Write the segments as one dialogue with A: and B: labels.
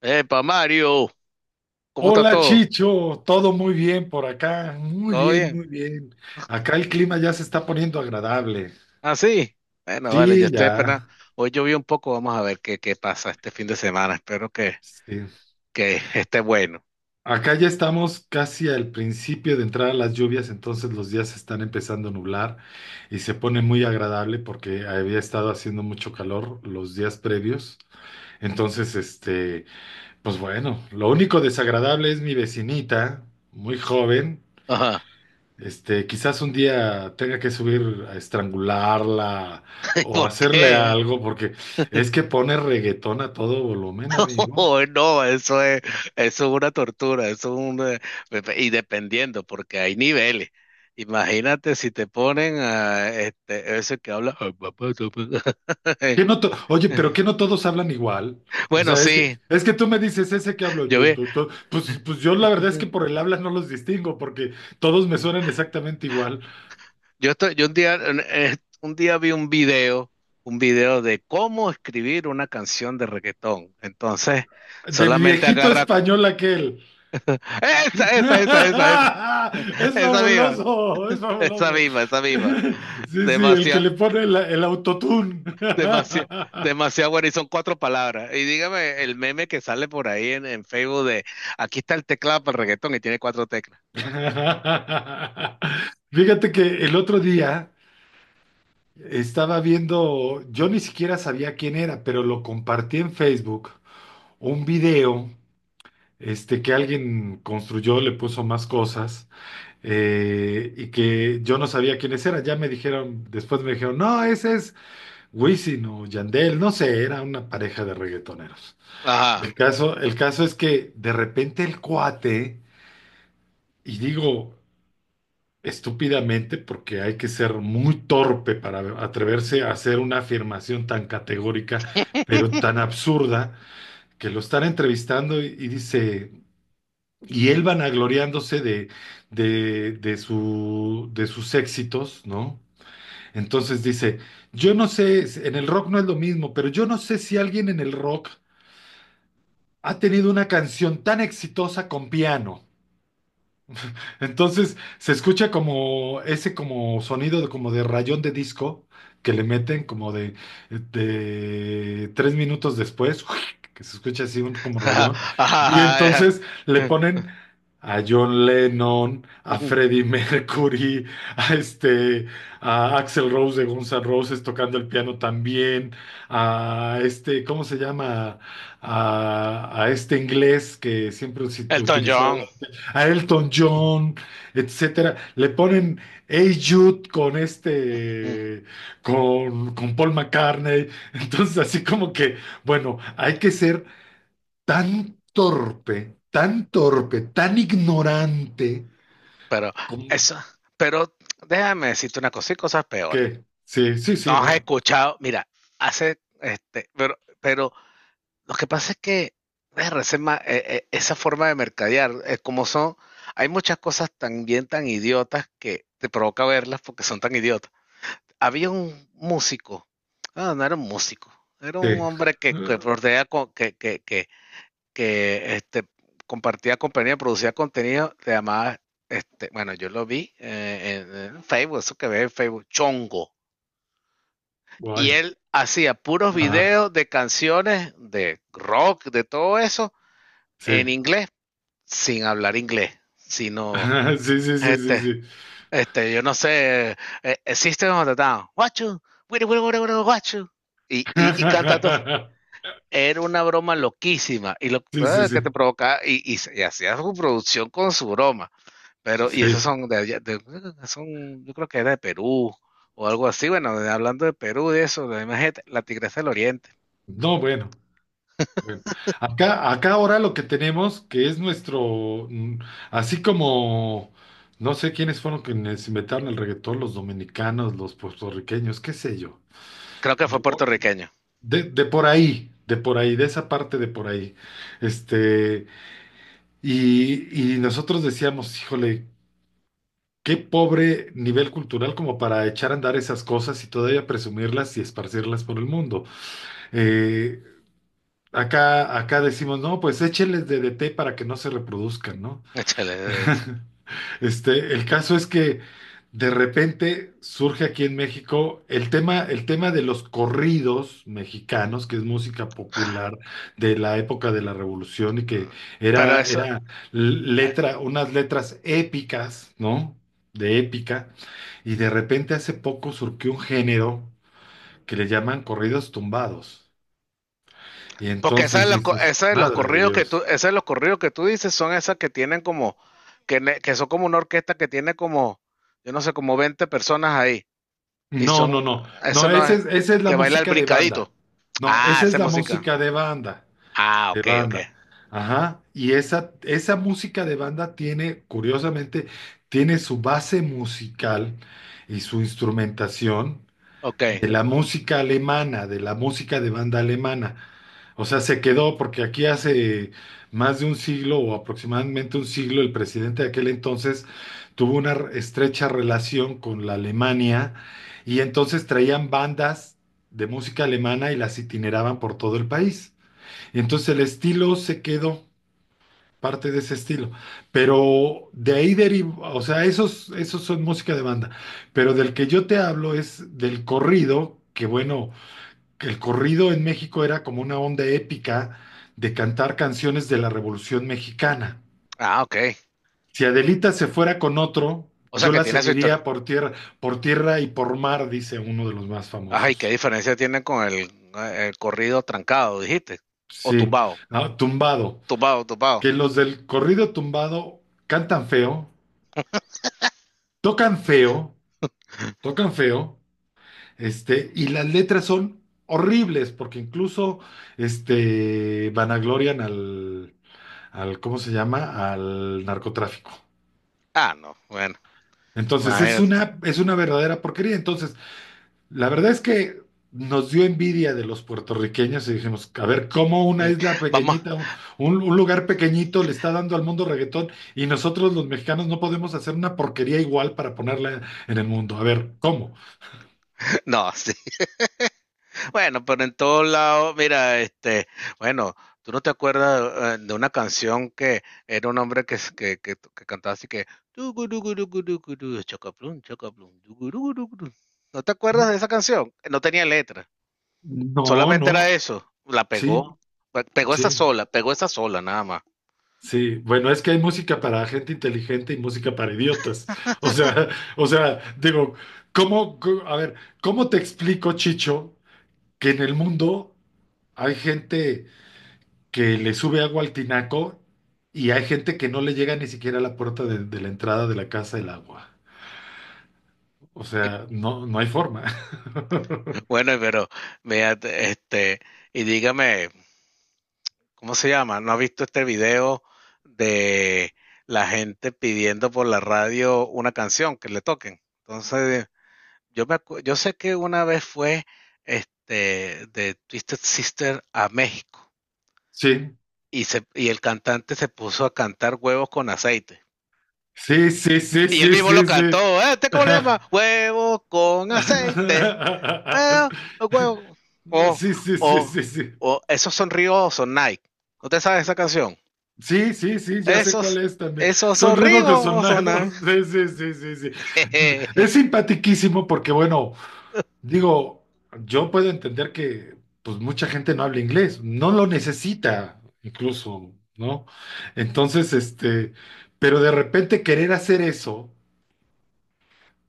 A: Epa, Mario, ¿cómo está
B: Hola
A: todo?
B: Chicho, todo muy bien por acá, muy
A: ¿Todo
B: bien,
A: bien?
B: muy bien. Acá el clima ya se está poniendo agradable.
A: ¿Ah, sí? Bueno, vale, yo
B: Sí,
A: estoy esperando.
B: ya.
A: Hoy llovió un poco, vamos a ver qué pasa este fin de semana. Espero
B: Sí.
A: que esté bueno.
B: Acá ya estamos casi al principio de entrar a las lluvias, entonces los días se están empezando a nublar y se pone muy agradable porque había estado haciendo mucho calor los días previos. Entonces, pues bueno, lo único desagradable es mi vecinita, muy joven.
A: Ajá.
B: Quizás un día tenga que subir a estrangularla
A: ¿Y
B: o
A: por
B: hacerle
A: qué?
B: algo, porque es que pone reggaetón a todo volumen, amigo.
A: Oh, no, eso es una tortura, eso es un... Y dependiendo, porque hay niveles. Imagínate si te ponen a ese que habla...
B: Que no to- Oye, pero que no todos hablan igual. O
A: Bueno,
B: sea, es que,
A: sí,
B: es que tú me dices ese que hablo,
A: yo
B: tú,
A: vi...
B: tú, tú. Pues yo la verdad es que por el habla no los distingo, porque todos me suenan exactamente igual.
A: Yo estoy, yo un día, eh, un día vi un video de cómo escribir una canción de reggaetón. Entonces,
B: Del
A: solamente
B: viejito
A: agarra
B: español aquel.
A: esa
B: Es
A: esa misma,
B: fabuloso, es fabuloso.
A: esa misma.
B: Sí, sí, el que
A: Demasiado,
B: le pone el autotune.
A: demasiado, demasiado bueno. Y son cuatro palabras. Y dígame el meme que sale por ahí en Facebook de aquí está el teclado para el reggaetón y tiene cuatro teclas.
B: Fíjate que el otro día estaba viendo, yo ni siquiera sabía quién era, pero lo compartí en Facebook, un video que alguien construyó, le puso más cosas, y que yo no sabía quiénes eran. Ya me dijeron, después me dijeron, no, ese es Wisin o Yandel, no sé, era una pareja de reggaetoneros.
A: Ajá.
B: El caso es que de repente el cuate, y digo estúpidamente porque hay que ser muy torpe para atreverse a hacer una afirmación tan categórica, pero tan absurda, que lo están entrevistando y dice, y él vanagloriándose de sus éxitos, ¿no? Entonces dice, yo no sé, en el rock no es lo mismo, pero yo no sé si alguien en el rock ha tenido una canción tan exitosa con piano. Entonces se escucha como ese como sonido de, como de rayón de disco que le meten como de tres minutos después, que se escucha así un, como
A: Ajá,
B: rayón. Y
A: ajá, ajá.
B: entonces le ponen a John Lennon, a Freddie Mercury, a este, a Axl Rose de Guns N' Roses tocando el piano también, a este, ¿cómo se llama? A este inglés que siempre
A: Elton
B: utilizaba,
A: John.
B: a Elton John, etcétera. Le ponen Hey Jude con con Paul McCartney. Entonces, así como que, bueno, hay que ser tan torpe, tan torpe, tan ignorante,
A: Pero
B: con,
A: eso, pero déjame decirte una cosa, y cosas peores.
B: que sí, sí, sí,
A: Nos has
B: bueno,
A: escuchado, mira, pero lo que pasa es que verga, esa forma de mercadear, como son, hay muchas cosas también tan idiotas que te provoca verlas porque son tan idiotas. Había un músico, ah, no era un músico, era un
B: sí.
A: hombre que
B: Ah,
A: bordea con- que este, compartía compañía, producía contenido, se llamaba, este, bueno, yo lo vi en Facebook, eso que ve en Facebook, Chongo. Y
B: Guay.
A: él hacía puros
B: Ajá,
A: videos de canciones, de rock, de todo eso,
B: sí.
A: en inglés, sin hablar inglés, sino,
B: Sí, sí, sí, sí,
A: este,
B: sí.
A: yo no sé, existe System of a Down, Watch you, wiri, watch you. Y cantando, era una broma loquísima y
B: Sí, sí, sí.
A: que te provocaba y hacía su producción con su broma. Pero, y esos
B: Sí.
A: son de allá, son, yo creo que era de Perú o algo así. Bueno, de- hablando de Perú, de eso, de, imagínate, la Tigresa del Oriente.
B: No, bueno. Bueno, acá ahora lo que tenemos, que es nuestro, así como, no sé quiénes fueron quienes inventaron el reggaetón, los dominicanos, los puertorriqueños, qué sé yo.
A: Creo que fue puertorriqueño.
B: De por ahí, de por ahí, de esa parte de por ahí. Este, y nosotros decíamos, híjole, qué pobre nivel cultural como para echar a andar esas cosas y todavía presumirlas y esparcirlas por el mundo. Eh, acá decimos, no, pues écheles de DDT para que no se reproduzcan, ¿no?
A: Échale, eh,
B: El caso es que de repente surge aquí en México el tema de los corridos mexicanos, que es música popular de la época de la Revolución y que
A: eh, Pero
B: era,
A: eso,
B: era
A: eh,
B: letra, unas letras épicas, ¿no? De épica. Y de repente hace poco surgió un género que le llaman corridos tumbados. Y
A: porque esa de
B: entonces
A: los,
B: dices, madre de Dios.
A: esa de los corridos que tú dices son esas que tienen como, que son como una orquesta que tiene como, yo no sé, como 20 personas ahí. Y
B: No, no,
A: son,
B: no.
A: eso
B: No,
A: no
B: esa
A: es
B: es, esa es la
A: que baila el
B: música de banda.
A: brincadito.
B: No,
A: Ah,
B: esa es
A: esa es
B: la
A: música.
B: música de banda,
A: Ah,
B: de
A: ok, ok.
B: banda. Ajá. Y esa música de banda tiene, curiosamente, tiene su base musical y su instrumentación
A: Ok.
B: de la música alemana, de la música de banda alemana. O sea, se quedó porque aquí hace más de un siglo o aproximadamente un siglo el presidente de aquel entonces tuvo una estrecha relación con la Alemania y entonces traían bandas de música alemana y las itineraban por todo el país. Y entonces el estilo se quedó, parte de ese estilo, pero de ahí derivó, o sea, esos son música de banda, pero del que yo te hablo es del corrido, que bueno el corrido en México era como una onda épica de cantar canciones de la Revolución Mexicana.
A: Ah, ok.
B: Si Adelita se fuera con otro,
A: O sea
B: yo
A: que
B: la
A: tiene su historia.
B: seguiría por tierra y por mar, dice uno de los más
A: Ay, ¿qué
B: famosos.
A: diferencia tiene con el corrido trancado, dijiste? O
B: Sí,
A: tumbado.
B: ah, tumbado.
A: Tumbado.
B: Que los del corrido tumbado cantan feo, tocan feo, tocan feo, y las letras son horribles, porque incluso vanaglorian al, ¿cómo se llama? Al narcotráfico.
A: Ah, no, bueno,
B: Entonces es
A: imagínate.
B: una, es una verdadera porquería. Entonces, la verdad es que nos dio envidia de los puertorriqueños y dijimos, a ver, ¿cómo una
A: Mm,
B: isla
A: vamos,
B: pequeñita, un lugar pequeñito le está dando al mundo reggaetón y nosotros los mexicanos no podemos hacer una porquería igual para ponerla en el mundo? A ver, ¿cómo?
A: no, sí. Bueno, pero en todos lados, mira, este, bueno, tú no te acuerdas de una canción que era un hombre que cantaba así que "Tugurugurugurugurugu, chocaplum, chocaplum, tugurugurugurugu". ¿No te acuerdas de esa canción? No tenía letra,
B: No,
A: solamente
B: no,
A: era eso. La
B: sí,
A: pegó,
B: sí,
A: pegó esa sola nada más.
B: sí. Bueno, es que hay música para gente inteligente y música para idiotas. O sea, o sea, digo, a ver, ¿cómo te explico, Chicho? Que en el mundo hay gente que le sube agua al tinaco y hay gente que no le llega ni siquiera a la puerta de la entrada de la casa el agua. O
A: Y-
B: sea, no, no hay forma.
A: bueno, pero mira, este, y dígame. ¿Cómo se llama? ¿No has visto este video de la gente pidiendo por la radio una canción que le toquen? Entonces, yo sé que una vez fue este de Twisted Sister a México
B: Sí,
A: y el cantante se puso a cantar huevos con aceite.
B: sí, sí, sí,
A: Y él
B: sí,
A: mismo lo
B: sí,
A: cantó,
B: sí.
A: ¿Este cómo le llama? Huevos con aceite. Eh, huevo. O,
B: Sí, sí, sí, sí,
A: o,
B: sí.
A: o, esos son ríos son Nike. ¿No te sabes esa canción?
B: Sí, sí, sí, ya sé cuál
A: Esos,
B: es también.
A: esos
B: Son
A: horribos son. Ah.
B: ribocosonados. Sí, sí, sí, sí, sí. Es simpatiquísimo porque, bueno, digo, yo puedo entender que pues mucha gente no habla inglés, no lo necesita incluso, ¿no? Entonces, pero de repente querer hacer eso.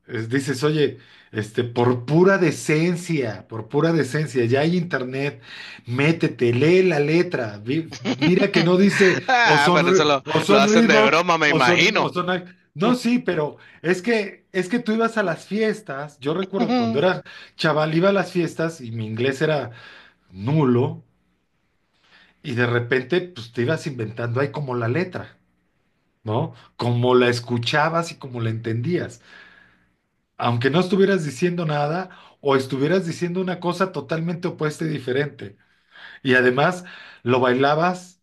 B: Dices, oye, por pura decencia, ya hay internet, métete, lee la letra, mira que no dice o
A: Ah,
B: son,
A: pero
B: O
A: lo
B: son
A: hacen de
B: Reebok,
A: broma, me
B: o
A: imagino.
B: son Nike. No, sí, pero es que tú ibas a las fiestas, yo recuerdo cuando era chaval, iba a las fiestas y mi inglés era nulo y de repente pues te ibas inventando ahí como la letra, ¿no? Como la escuchabas y como la entendías, aunque no estuvieras diciendo nada o estuvieras diciendo una cosa totalmente opuesta y diferente. Y además lo bailabas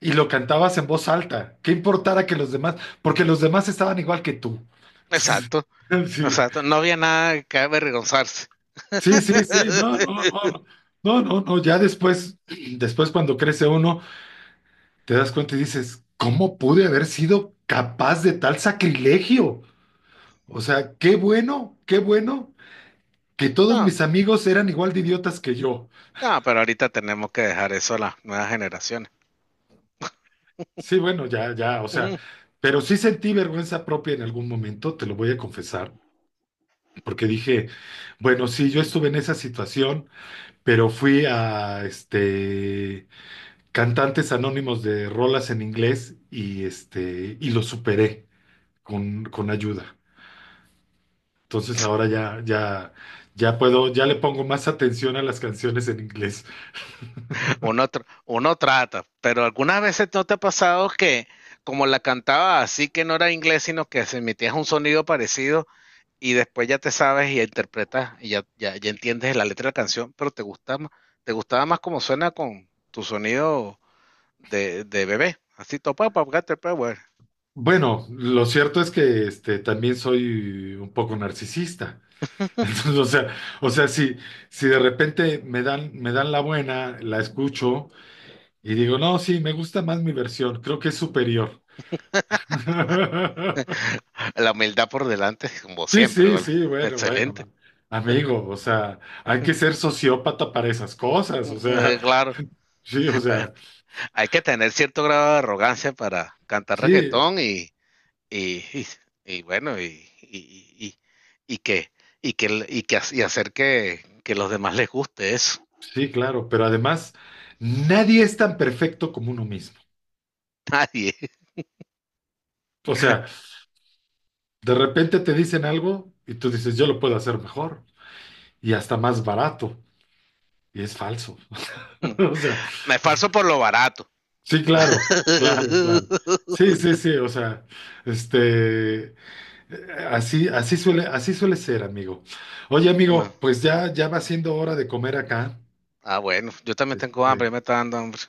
B: y lo cantabas en voz alta. ¿Qué importara que los demás, porque los demás estaban igual que tú?
A: Exacto,
B: Entonces,
A: exacto. No había nada que avergonzarse.
B: sí, sí, sí, sí, no, no, no, no, no, no, ya después, cuando crece uno, te das cuenta y dices, ¿cómo pude haber sido capaz de tal sacrilegio? O sea, qué bueno que todos
A: No,
B: mis amigos eran igual de idiotas que yo.
A: no, pero ahorita tenemos que dejar eso a las nuevas generaciones.
B: Sí, bueno, ya, ya, o sea, pero sí sentí vergüenza propia en algún momento, te lo voy a confesar, porque dije, bueno, sí, yo estuve en esa situación, pero fui a, cantantes anónimos de rolas en inglés y, y lo superé con ayuda. Entonces ahora ya puedo, ya le pongo más atención a las canciones en inglés.
A: Uno, uno trata, pero algunas veces no te ha pasado que, como la cantaba así que no era inglés, sino que se emitía un sonido parecido, y después ya te sabes y interpretas y ya entiendes la letra de la canción, pero te gusta más, te gustaba más como suena con tu sonido de bebé. Así topa, papgate, power.
B: Bueno, lo cierto es que, también soy un poco narcisista. Entonces, o sea, si de repente me dan la buena, la escucho y digo, no, sí, me gusta más mi versión, creo que es superior.
A: La humildad por delante, como
B: Sí,
A: siempre,
B: sí,
A: ¿vale?
B: sí, bueno,
A: Excelente.
B: bueno, amigo, o sea, hay que ser sociópata para esas cosas, o sea,
A: Claro.
B: sí, o
A: Bueno,
B: sea,
A: hay que tener cierto grado de arrogancia para cantar
B: sí,
A: reggaetón y, y, y bueno, y, y, y que, y que, y que y hacer que los demás les guste eso.
B: sí, claro, pero además, nadie es tan perfecto como uno mismo.
A: Nadie.
B: O sea, de repente te dicen algo y tú dices, yo lo puedo hacer mejor y hasta más barato, y es falso.
A: Mm.
B: O sea,
A: Me falso por lo barato.
B: sí, claro, claro, claro. Sí, sí, sí, o sea, este, eh, así suele ser, amigo. Oye,
A: No.
B: amigo, pues ya va siendo hora de comer acá.
A: Ah, bueno, yo también tengo hambre,
B: Este,
A: me está dando hambre.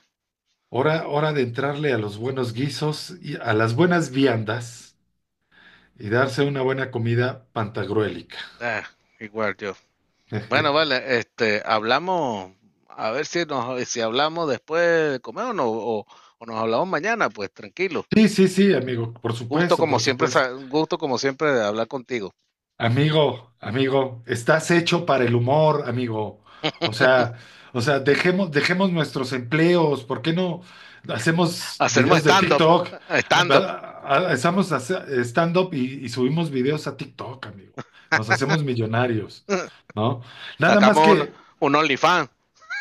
B: hora de entrarle a los buenos guisos y a las buenas viandas y darse una buena comida pantagruélica.
A: Ah, igual yo. Bueno, vale, este, hablamos, a ver si nos, si hablamos después de comer o, no, o nos hablamos mañana, pues tranquilo.
B: Sí, sí, sí, amigo, por
A: Gusto
B: supuesto,
A: como
B: por
A: siempre,
B: supuesto.
A: gusto como siempre de hablar contigo.
B: Amigo, amigo, estás hecho para el humor, amigo. O sea, dejemos nuestros empleos. ¿Por qué no hacemos
A: Hacemos
B: videos de
A: stand-up,
B: TikTok? Ah,
A: stand-up.
B: va- ah, ah, Estamos hace- Stand-up y subimos videos a TikTok, amigo. Nos hacemos millonarios, ¿no? Nada más
A: Sacamos
B: que,
A: un OnlyFans.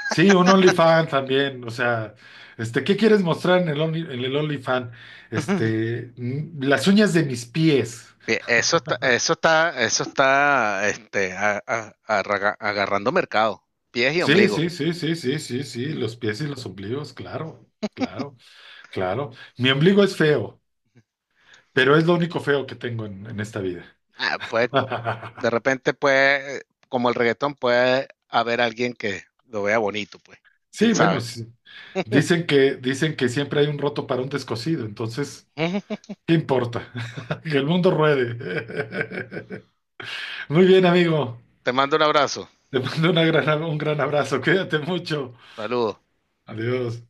B: sí, un OnlyFans también. O sea, ¿qué quieres mostrar en el OnlyFans? Las uñas de mis pies.
A: Bien, eso está, agarrando mercado, pies y
B: Sí,
A: ombligo.
B: sí, sí, sí, sí, sí, sí, los pies y los ombligos, claro, claro, claro. Mi ombligo es feo, pero es lo único feo que tengo en esta vida.
A: Ah, pues, de repente, pues, como el reggaetón, puede haber alguien que lo vea bonito, pues. ¿Quién
B: Sí, bueno,
A: sabe?
B: sí. Dicen que siempre hay un roto para un descosido, entonces, ¿qué importa? Que el mundo ruede. Muy bien, amigo.
A: Te mando un abrazo.
B: Te mando un gran abrazo. Cuídate mucho.
A: Saludos.
B: Adiós.